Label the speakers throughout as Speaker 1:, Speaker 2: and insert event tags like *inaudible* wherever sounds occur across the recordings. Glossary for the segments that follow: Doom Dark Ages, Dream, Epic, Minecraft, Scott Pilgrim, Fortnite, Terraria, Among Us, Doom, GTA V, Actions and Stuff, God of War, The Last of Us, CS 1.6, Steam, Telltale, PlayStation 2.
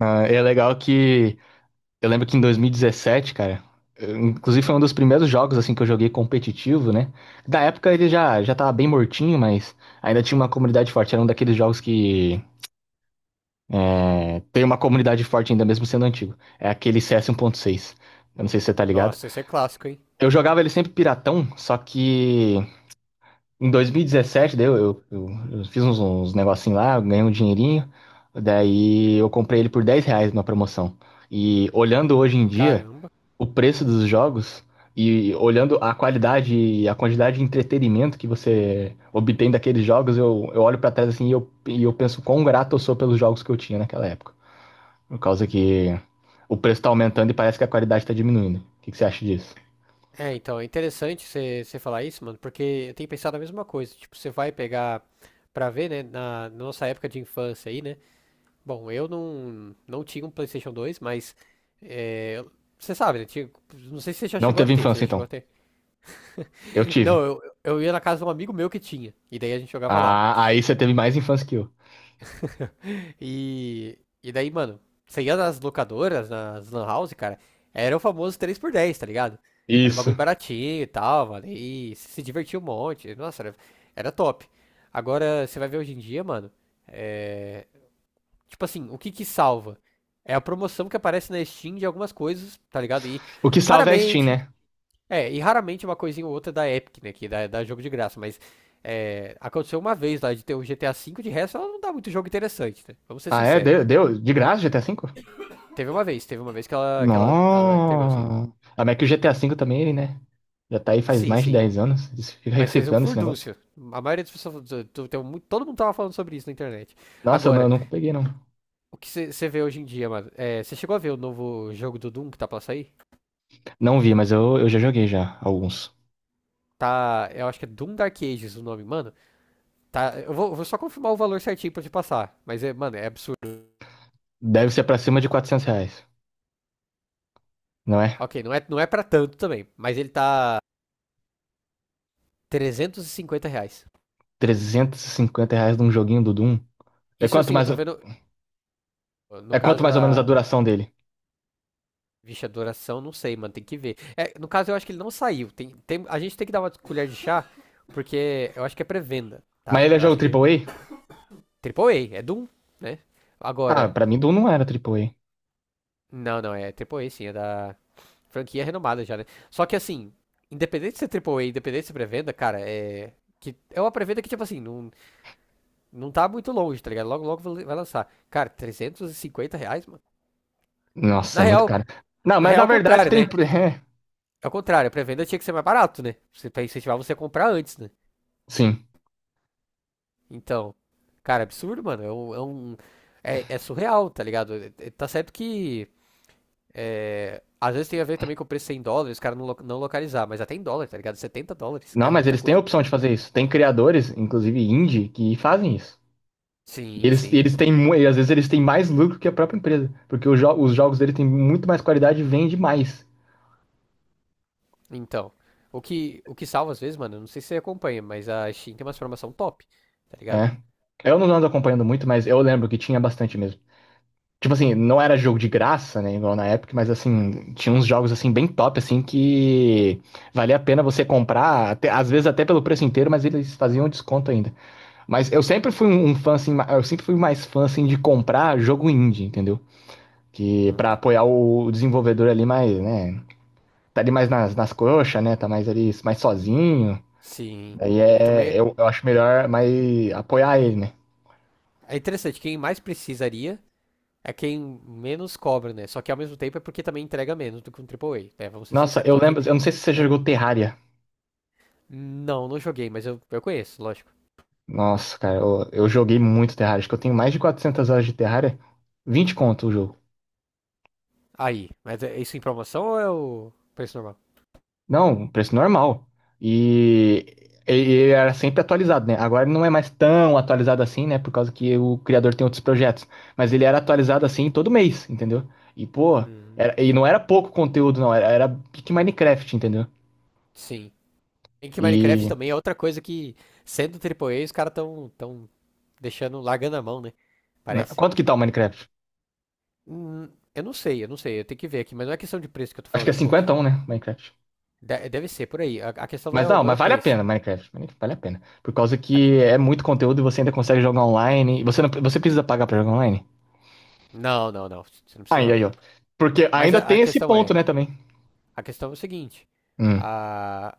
Speaker 1: Ah, e é legal que eu lembro que em 2017, cara, inclusive foi um dos primeiros jogos assim que eu joguei competitivo, né? Da época ele já já tava bem mortinho, mas ainda tinha uma comunidade forte. Era um daqueles jogos que tem uma comunidade forte ainda mesmo sendo antigo. É aquele CS
Speaker 2: Hum.
Speaker 1: 1.6. Eu não sei se você tá ligado.
Speaker 2: Nossa, esse é clássico, hein?
Speaker 1: Eu jogava ele sempre piratão, só que em 2017, daí eu fiz uns negocinhos lá, eu ganhei um dinheirinho. Daí eu comprei ele por 10 reais na promoção. E olhando hoje em dia
Speaker 2: Caramba.
Speaker 1: o preço dos jogos e olhando a qualidade e a quantidade de entretenimento que você obtém daqueles jogos, eu olho pra trás assim e eu penso quão grato eu sou pelos jogos que eu tinha naquela época. Por causa que o preço tá aumentando e parece que a qualidade tá diminuindo. O que, que você acha disso?
Speaker 2: É, então, é interessante você falar isso, mano, porque eu tenho pensado a mesma coisa. Tipo, você vai pegar pra ver, né, na nossa época de infância aí, né? Bom, eu não tinha um PlayStation 2, mas é, você sabe, né? Não sei se você já
Speaker 1: Não
Speaker 2: chegou a
Speaker 1: teve
Speaker 2: ter, você
Speaker 1: infância,
Speaker 2: já chegou a
Speaker 1: então.
Speaker 2: ter.
Speaker 1: Eu
Speaker 2: *laughs*
Speaker 1: tive.
Speaker 2: Não, eu ia na casa de um amigo meu que tinha, e daí a gente jogava lá.
Speaker 1: Ah, aí você teve mais infância que eu.
Speaker 2: E, e daí, mano, você ia nas locadoras, nas lan house, cara, era o famoso 3x10, tá ligado? Era um bagulho
Speaker 1: Isso.
Speaker 2: baratinho e tal, mano, e se divertia um monte, nossa, era top. Agora, você vai ver hoje em dia, mano, é, tipo assim, o que que salva? É a promoção que aparece na Steam de algumas coisas, tá ligado? E
Speaker 1: O que salva é a Steam,
Speaker 2: raramente,
Speaker 1: né?
Speaker 2: e raramente uma coisinha ou outra da Epic, né, que dá jogo de graça, mas aconteceu uma vez lá de ter o GTA V. De resto, ela não dá muito jogo interessante, né? Vamos ser
Speaker 1: Ah, é?
Speaker 2: sinceros.
Speaker 1: Deu de graça GTA V?
Speaker 2: Teve uma vez que ela entregou, assim.
Speaker 1: Nossa. Ah, mas que o GTA V também, né? Já tá aí faz
Speaker 2: Sim,
Speaker 1: mais de
Speaker 2: sim.
Speaker 1: 10 anos. Isso fica
Speaker 2: Mas fez um
Speaker 1: reciclando esse negócio.
Speaker 2: furdúncio. A maioria das pessoas. Do- tem mu- Todo mundo tava falando sobre isso na internet.
Speaker 1: Nossa, eu não, eu
Speaker 2: Agora,
Speaker 1: não peguei, não.
Speaker 2: o que você vê hoje em dia, mano? Você chegou a ver o novo jogo do Doom que tá pra sair?
Speaker 1: Não vi, mas eu já joguei já, alguns.
Speaker 2: Tá. Eu acho que é Doom Dark Ages o nome, mano. Tá. Eu vou só confirmar o valor certinho pra te passar. Mas, é, mano, é absurdo.
Speaker 1: Deve ser pra cima de 400 reais, não é?
Speaker 2: Ok, não é pra tanto também. Mas ele tá. R$ 350.
Speaker 1: 350 reais num joguinho do Doom. É
Speaker 2: Isso
Speaker 1: quanto
Speaker 2: assim, eu
Speaker 1: mais,
Speaker 2: tô vendo. No
Speaker 1: é quanto
Speaker 2: caso
Speaker 1: mais ou menos a
Speaker 2: da,
Speaker 1: duração dele?
Speaker 2: Vixe, adoração, não sei, mano, tem que ver. É, no caso, eu acho que ele não saiu. Tem, a gente tem que dar uma colher de chá, porque eu acho que é pré-venda,
Speaker 1: Mas
Speaker 2: tá?
Speaker 1: ele é
Speaker 2: Eu
Speaker 1: jogo
Speaker 2: acho que.
Speaker 1: triplo A.
Speaker 2: Triple A, é Doom, né?
Speaker 1: Ah,
Speaker 2: Agora.
Speaker 1: pra mim Doom não era triplo A.
Speaker 2: Não, não, é Triple A sim, é da franquia renomada já, né? Só que assim, independente de ser AAA, independente de ser pré-venda, cara, é. Que é uma pré-venda que, tipo assim, não tá muito longe, tá ligado? Logo, logo vai lançar. Cara, R$ 350, mano.
Speaker 1: Nossa,
Speaker 2: Na
Speaker 1: é muito
Speaker 2: real,
Speaker 1: caro. Não,
Speaker 2: na
Speaker 1: mas
Speaker 2: real,
Speaker 1: na
Speaker 2: é o
Speaker 1: verdade
Speaker 2: contrário,
Speaker 1: tem
Speaker 2: né?
Speaker 1: *laughs*
Speaker 2: É o contrário, a pré-venda tinha que ser mais barato, né? Você, pra incentivar você a comprar antes, né?
Speaker 1: sim.
Speaker 2: Então, cara, absurdo, mano. É surreal, tá ligado? Tá certo que às vezes tem a ver também com o preço em dólares, os caras não, lo- não localizar, mas até em dólar, tá ligado? US$ 70 é
Speaker 1: Não, mas
Speaker 2: muita
Speaker 1: eles têm a
Speaker 2: coisa.
Speaker 1: opção de fazer isso. Tem criadores, inclusive indie, que fazem isso.
Speaker 2: Sim,
Speaker 1: Eles,
Speaker 2: sim.
Speaker 1: eles têm, e às vezes eles têm mais lucro que a própria empresa, porque os jogos dele têm muito mais qualidade e vende mais.
Speaker 2: Então, o que salva às vezes, mano, eu não sei se você acompanha, mas a Steam tem uma formação top, tá ligado?
Speaker 1: É. Eu não ando acompanhando muito, mas eu lembro que tinha bastante mesmo. Tipo assim, não era jogo de graça, né, igual na época, mas assim, tinha uns jogos assim bem top, assim, que valia a pena você comprar, às vezes até pelo preço inteiro, mas eles faziam desconto ainda. Mas eu sempre fui um fã, assim, eu sempre fui mais fã, assim, de comprar jogo indie, entendeu? Que
Speaker 2: Uhum.
Speaker 1: pra apoiar o desenvolvedor ali mais, né, tá ali mais nas coxas, né? Tá mais ali, mais sozinho.
Speaker 2: Sim.
Speaker 1: Daí
Speaker 2: E também
Speaker 1: eu acho melhor mais apoiar ele, né?
Speaker 2: é interessante, quem mais precisaria é quem menos cobra, né? Só que ao mesmo tempo é porque também entrega menos do que um AAA, né? Vamos ser
Speaker 1: Nossa,
Speaker 2: sinceros.
Speaker 1: eu
Speaker 2: Só que,
Speaker 1: lembro, eu não sei se você
Speaker 2: né?
Speaker 1: jogou Terraria.
Speaker 2: Não, não joguei, mas eu conheço, lógico.
Speaker 1: Nossa, cara, eu joguei muito Terraria. Acho que eu tenho mais de 400 horas de Terraria. 20 conto o jogo.
Speaker 2: Aí, mas é isso em promoção ou é o preço normal?
Speaker 1: Não, um preço normal. E ele era sempre atualizado, né? Agora ele não é mais tão atualizado assim, né? Por causa que o criador tem outros projetos. Mas ele era atualizado assim todo mês, entendeu? E, pô,
Speaker 2: Hum,
Speaker 1: e não era pouco conteúdo, não. Era pique Minecraft, entendeu?
Speaker 2: sim. Em que Minecraft
Speaker 1: E.
Speaker 2: também é outra coisa que, sendo triplo A, os caras tão deixando, largando a mão, né? Parece.
Speaker 1: Quanto que tá o Minecraft?
Speaker 2: Hum, eu não sei, eu tenho que ver aqui, mas não é questão de preço que eu tô
Speaker 1: Acho que
Speaker 2: falando,
Speaker 1: é
Speaker 2: tipo,
Speaker 1: 51, né? Minecraft.
Speaker 2: deve ser por aí. A questão não
Speaker 1: Mas
Speaker 2: é,
Speaker 1: não,
Speaker 2: não é o
Speaker 1: mas vale a
Speaker 2: preço.
Speaker 1: pena, Minecraft. Minecraft vale a pena. Por causa
Speaker 2: A-
Speaker 1: que é muito conteúdo e você ainda consegue jogar online. E você, não, você precisa pagar pra jogar online?
Speaker 2: não, não, não, você não precisa
Speaker 1: Aí,
Speaker 2: não.
Speaker 1: aí, ó. Porque
Speaker 2: Mas
Speaker 1: ainda tem esse ponto, né, também.
Speaker 2: a questão é o seguinte,
Speaker 1: Hum,
Speaker 2: a-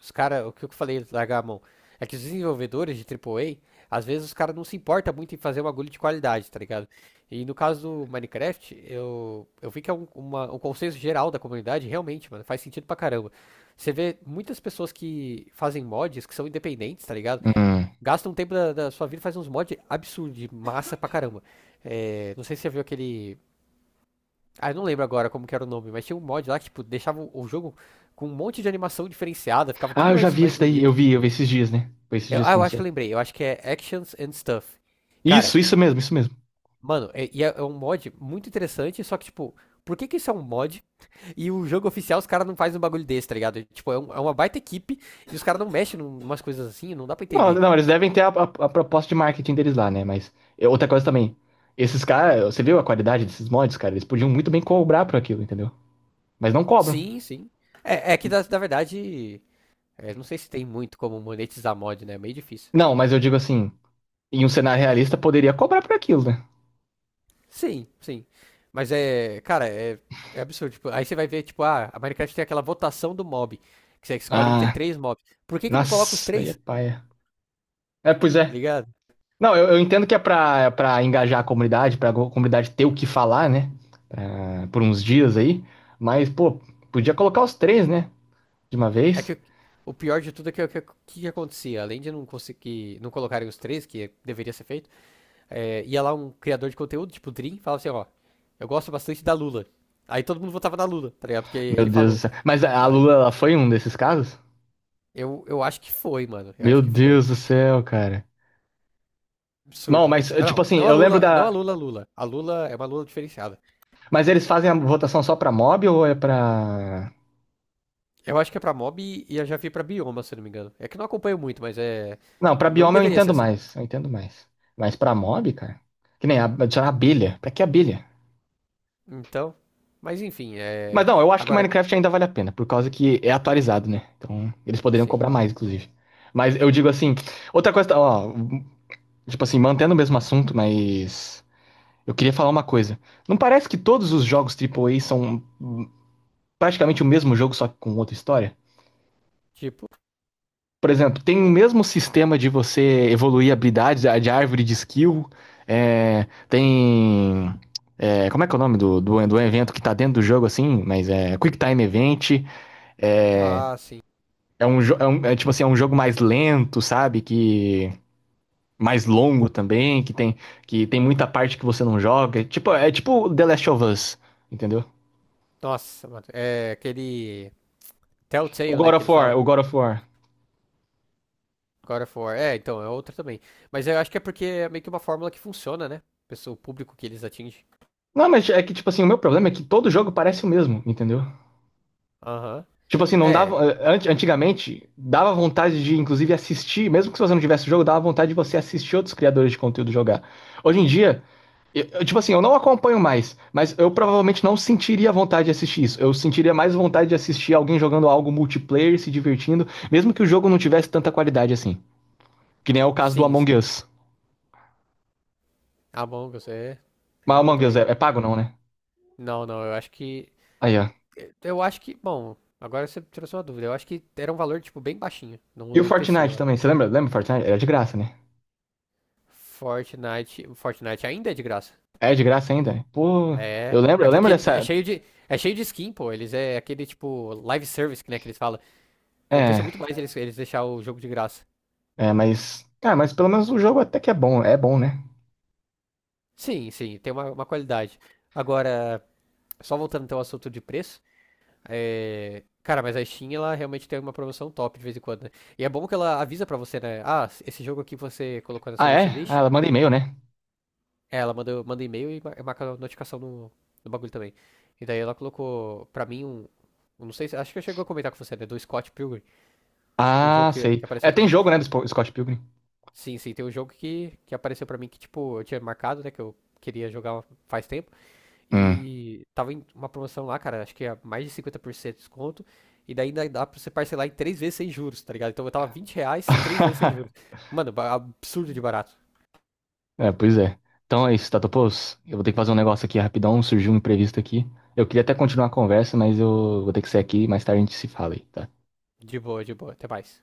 Speaker 2: os cara, o que eu falei, largar a mão, é que os desenvolvedores de AAA, às vezes os caras não se importam muito em fazer uma agulha de qualidade, tá ligado? E no caso do Minecraft, eu vi que é um consenso geral da comunidade, realmente, mano, faz sentido pra caramba. Você vê muitas pessoas que fazem mods, que são independentes, tá ligado?
Speaker 1: hum.
Speaker 2: Gastam um tempo da sua vida e fazem uns mods absurdos, de massa pra caramba. É, não sei se você viu aquele eu não lembro agora como que era o nome, mas tinha um mod lá que, tipo, deixava o jogo com um monte de animação diferenciada, ficava
Speaker 1: Ah,
Speaker 2: tudo
Speaker 1: eu já vi
Speaker 2: mais,
Speaker 1: isso daí.
Speaker 2: bonito.
Speaker 1: Eu vi esses dias, né? Foi esses dias que
Speaker 2: Eu acho que eu
Speaker 1: lançou.
Speaker 2: lembrei, eu acho que é Actions and Stuff. Cara,
Speaker 1: Isso mesmo, isso mesmo.
Speaker 2: mano, é um mod muito interessante, só que, tipo, por que que isso é um mod e o jogo oficial os caras não fazem um bagulho desse, tá ligado? Tipo, é uma baita equipe e os caras não mexem numas coisas assim, não dá pra
Speaker 1: Não,
Speaker 2: entender.
Speaker 1: não, eles devem ter a proposta de marketing deles lá, né? Mas é outra coisa também. Esses caras, você viu a qualidade desses mods, cara? Eles podiam muito bem cobrar por aquilo, entendeu? Mas não cobram.
Speaker 2: Sim, sim. É que, na verdade, não sei se tem muito como monetizar mod, né? É meio difícil.
Speaker 1: Não, mas eu digo assim, em um cenário realista poderia cobrar por aquilo, né?
Speaker 2: Sim, sim. Mas é absurdo. Tipo, aí você vai ver, tipo, ah, a Minecraft tem aquela votação do mob, que você escolhe entre
Speaker 1: Ah,
Speaker 2: três mobs. Por que que não coloca os
Speaker 1: nossa, daí é
Speaker 2: três?
Speaker 1: paia. É, pois
Speaker 2: Tá
Speaker 1: é.
Speaker 2: ligado?
Speaker 1: Não, eu entendo que é pra engajar a comunidade, comunidade ter o que falar, né? Por uns dias aí. Mas, pô, podia colocar os três, né? De uma
Speaker 2: É que
Speaker 1: vez.
Speaker 2: o pior de tudo é que que acontecia, além de não conseguir, não colocarem os três, que deveria ser feito, ia lá um criador de conteúdo, tipo o Dream, e falava assim, ó, eu gosto bastante da Lula. Aí todo mundo votava na Lula, tá ligado? Porque
Speaker 1: Meu
Speaker 2: ele
Speaker 1: Deus
Speaker 2: falou.
Speaker 1: do céu. Mas a
Speaker 2: Aí,
Speaker 1: Lula, ela foi um desses casos?
Speaker 2: eu acho que foi, mano. Eu
Speaker 1: Meu
Speaker 2: acho que foi.
Speaker 1: Deus do céu, cara. Não,
Speaker 2: Absurdo,
Speaker 1: mas,
Speaker 2: absurdo. Ah, não,
Speaker 1: tipo assim,
Speaker 2: não a
Speaker 1: eu lembro
Speaker 2: Lula, não a
Speaker 1: da.
Speaker 2: Lula Lula. A Lula é uma Lula diferenciada.
Speaker 1: Mas eles fazem a votação só pra mob ou é pra.
Speaker 2: Eu acho que é pra mob e eu já vi pra bioma, se eu não me engano. É que eu não acompanho muito, mas é.
Speaker 1: Não, pra
Speaker 2: Não
Speaker 1: bioma eu
Speaker 2: deveria ser
Speaker 1: entendo
Speaker 2: assim.
Speaker 1: mais, eu entendo mais. Mas pra mob, cara, que nem adicionar abelha. Pra que abelha?
Speaker 2: Então. Mas enfim,
Speaker 1: Mas
Speaker 2: é.
Speaker 1: não, eu acho que
Speaker 2: Agora,
Speaker 1: Minecraft ainda vale a pena, por causa que é atualizado, né? Então, eles poderiam
Speaker 2: sim.
Speaker 1: cobrar mais, inclusive. Mas eu digo assim, outra coisa, ó, tipo assim, mantendo o mesmo assunto, mas eu queria falar uma coisa. Não parece que todos os jogos triplo A são praticamente o mesmo jogo, só que com outra história?
Speaker 2: Tipo.
Speaker 1: Por exemplo, tem o mesmo sistema de você evoluir habilidades, a de árvore de skill. É, tem. Como é que é o nome do evento que tá dentro do jogo, assim? Mas é Quick Time Event. É,
Speaker 2: Ah, sim.
Speaker 1: é tipo assim, é um jogo mais lento, sabe? Que. Mais longo também, que tem muita parte que você não joga. Tipo, é tipo The Last of Us, entendeu?
Speaker 2: Nossa, mano. É aquele.
Speaker 1: O
Speaker 2: Telltale, né?
Speaker 1: God
Speaker 2: Que
Speaker 1: of
Speaker 2: eles
Speaker 1: War,
Speaker 2: falam.
Speaker 1: o God of War.
Speaker 2: God of War. É, então, é outra também. Mas eu acho que é porque é meio que uma fórmula que funciona, né? Pessoa, o público que eles atingem.
Speaker 1: Não, mas é que, tipo assim, o meu problema é que todo jogo parece o mesmo, entendeu?
Speaker 2: Aham.
Speaker 1: Tipo assim, não
Speaker 2: É,
Speaker 1: dava. Antigamente, dava vontade de, inclusive, assistir, mesmo que se você não tivesse o jogo, dava vontade de você assistir outros criadores de conteúdo jogar. Hoje em dia, tipo assim, eu não acompanho mais, mas eu provavelmente não sentiria vontade de assistir isso. Eu sentiria mais vontade de assistir alguém jogando algo multiplayer, se divertindo, mesmo que o jogo não tivesse tanta qualidade assim. Que nem é o caso do
Speaker 2: sim, sim.
Speaker 1: Among Us.
Speaker 2: Among Us é. É
Speaker 1: Mas
Speaker 2: bom
Speaker 1: Among Us é,
Speaker 2: também.
Speaker 1: é pago, não, né?
Speaker 2: Não, não, eu acho que.
Speaker 1: Aí, ó.
Speaker 2: É, eu acho que, bom, agora você trouxe uma dúvida. Eu acho que era um valor, tipo, bem baixinho no,
Speaker 1: E o
Speaker 2: no PC,
Speaker 1: Fortnite
Speaker 2: eu acho.
Speaker 1: também, você lembra? Lembra o Fortnite? Era de graça, né?
Speaker 2: Fortnite ainda é de graça.
Speaker 1: É de graça ainda? Pô,
Speaker 2: É.
Speaker 1: eu lembro,
Speaker 2: É
Speaker 1: eu lembro
Speaker 2: porque
Speaker 1: dessa.
Speaker 2: é cheio de skin, pô. Eles é aquele, tipo, live service, né, que eles falam. Compensa
Speaker 1: É.
Speaker 2: muito mais eles, eles deixar o jogo de graça.
Speaker 1: É, mas. Ah, mas pelo menos o jogo até que é bom. É bom, né?
Speaker 2: Sim, sim, tem uma qualidade. Agora, só voltando então ao assunto de preço, cara, mas a Steam, ela realmente tem uma promoção top de vez em quando, né? E é bom que ela avisa pra você, né? Ah, esse jogo aqui você colocou na sua
Speaker 1: Ah, é? Ah,
Speaker 2: wishlist.
Speaker 1: ela manda e-mail, né?
Speaker 2: É, ela manda e-mail e marca notificação no bagulho também. E daí ela colocou pra mim um. Eu Não sei se. Acho que eu chegou a comentar com você, né? Do Scott Pilgrim. O jogo
Speaker 1: Ah,
Speaker 2: que
Speaker 1: sei.
Speaker 2: apareceu
Speaker 1: É,
Speaker 2: pra
Speaker 1: tem
Speaker 2: mim.
Speaker 1: jogo, né, do Scott Pilgrim?
Speaker 2: Sim, sim, tem um jogo que apareceu pra mim que, tipo, eu tinha marcado, né? Que eu queria jogar faz tempo.
Speaker 1: Hum.
Speaker 2: E tava em uma promoção lá, cara. Acho que é mais de 50% de desconto. E daí ainda dá pra você parcelar em três vezes sem juros, tá ligado? Então eu tava R$ 20, três vezes sem juros.
Speaker 1: *laughs*
Speaker 2: Mano, absurdo de barato.
Speaker 1: É, pois é. Então é isso, Tatopos. Eu vou ter que fazer um negócio aqui rapidão, surgiu um imprevisto aqui. Eu queria até continuar a conversa, mas eu vou ter que sair aqui, mais tarde a gente se fala aí, tá?
Speaker 2: De boa, de boa. Até mais.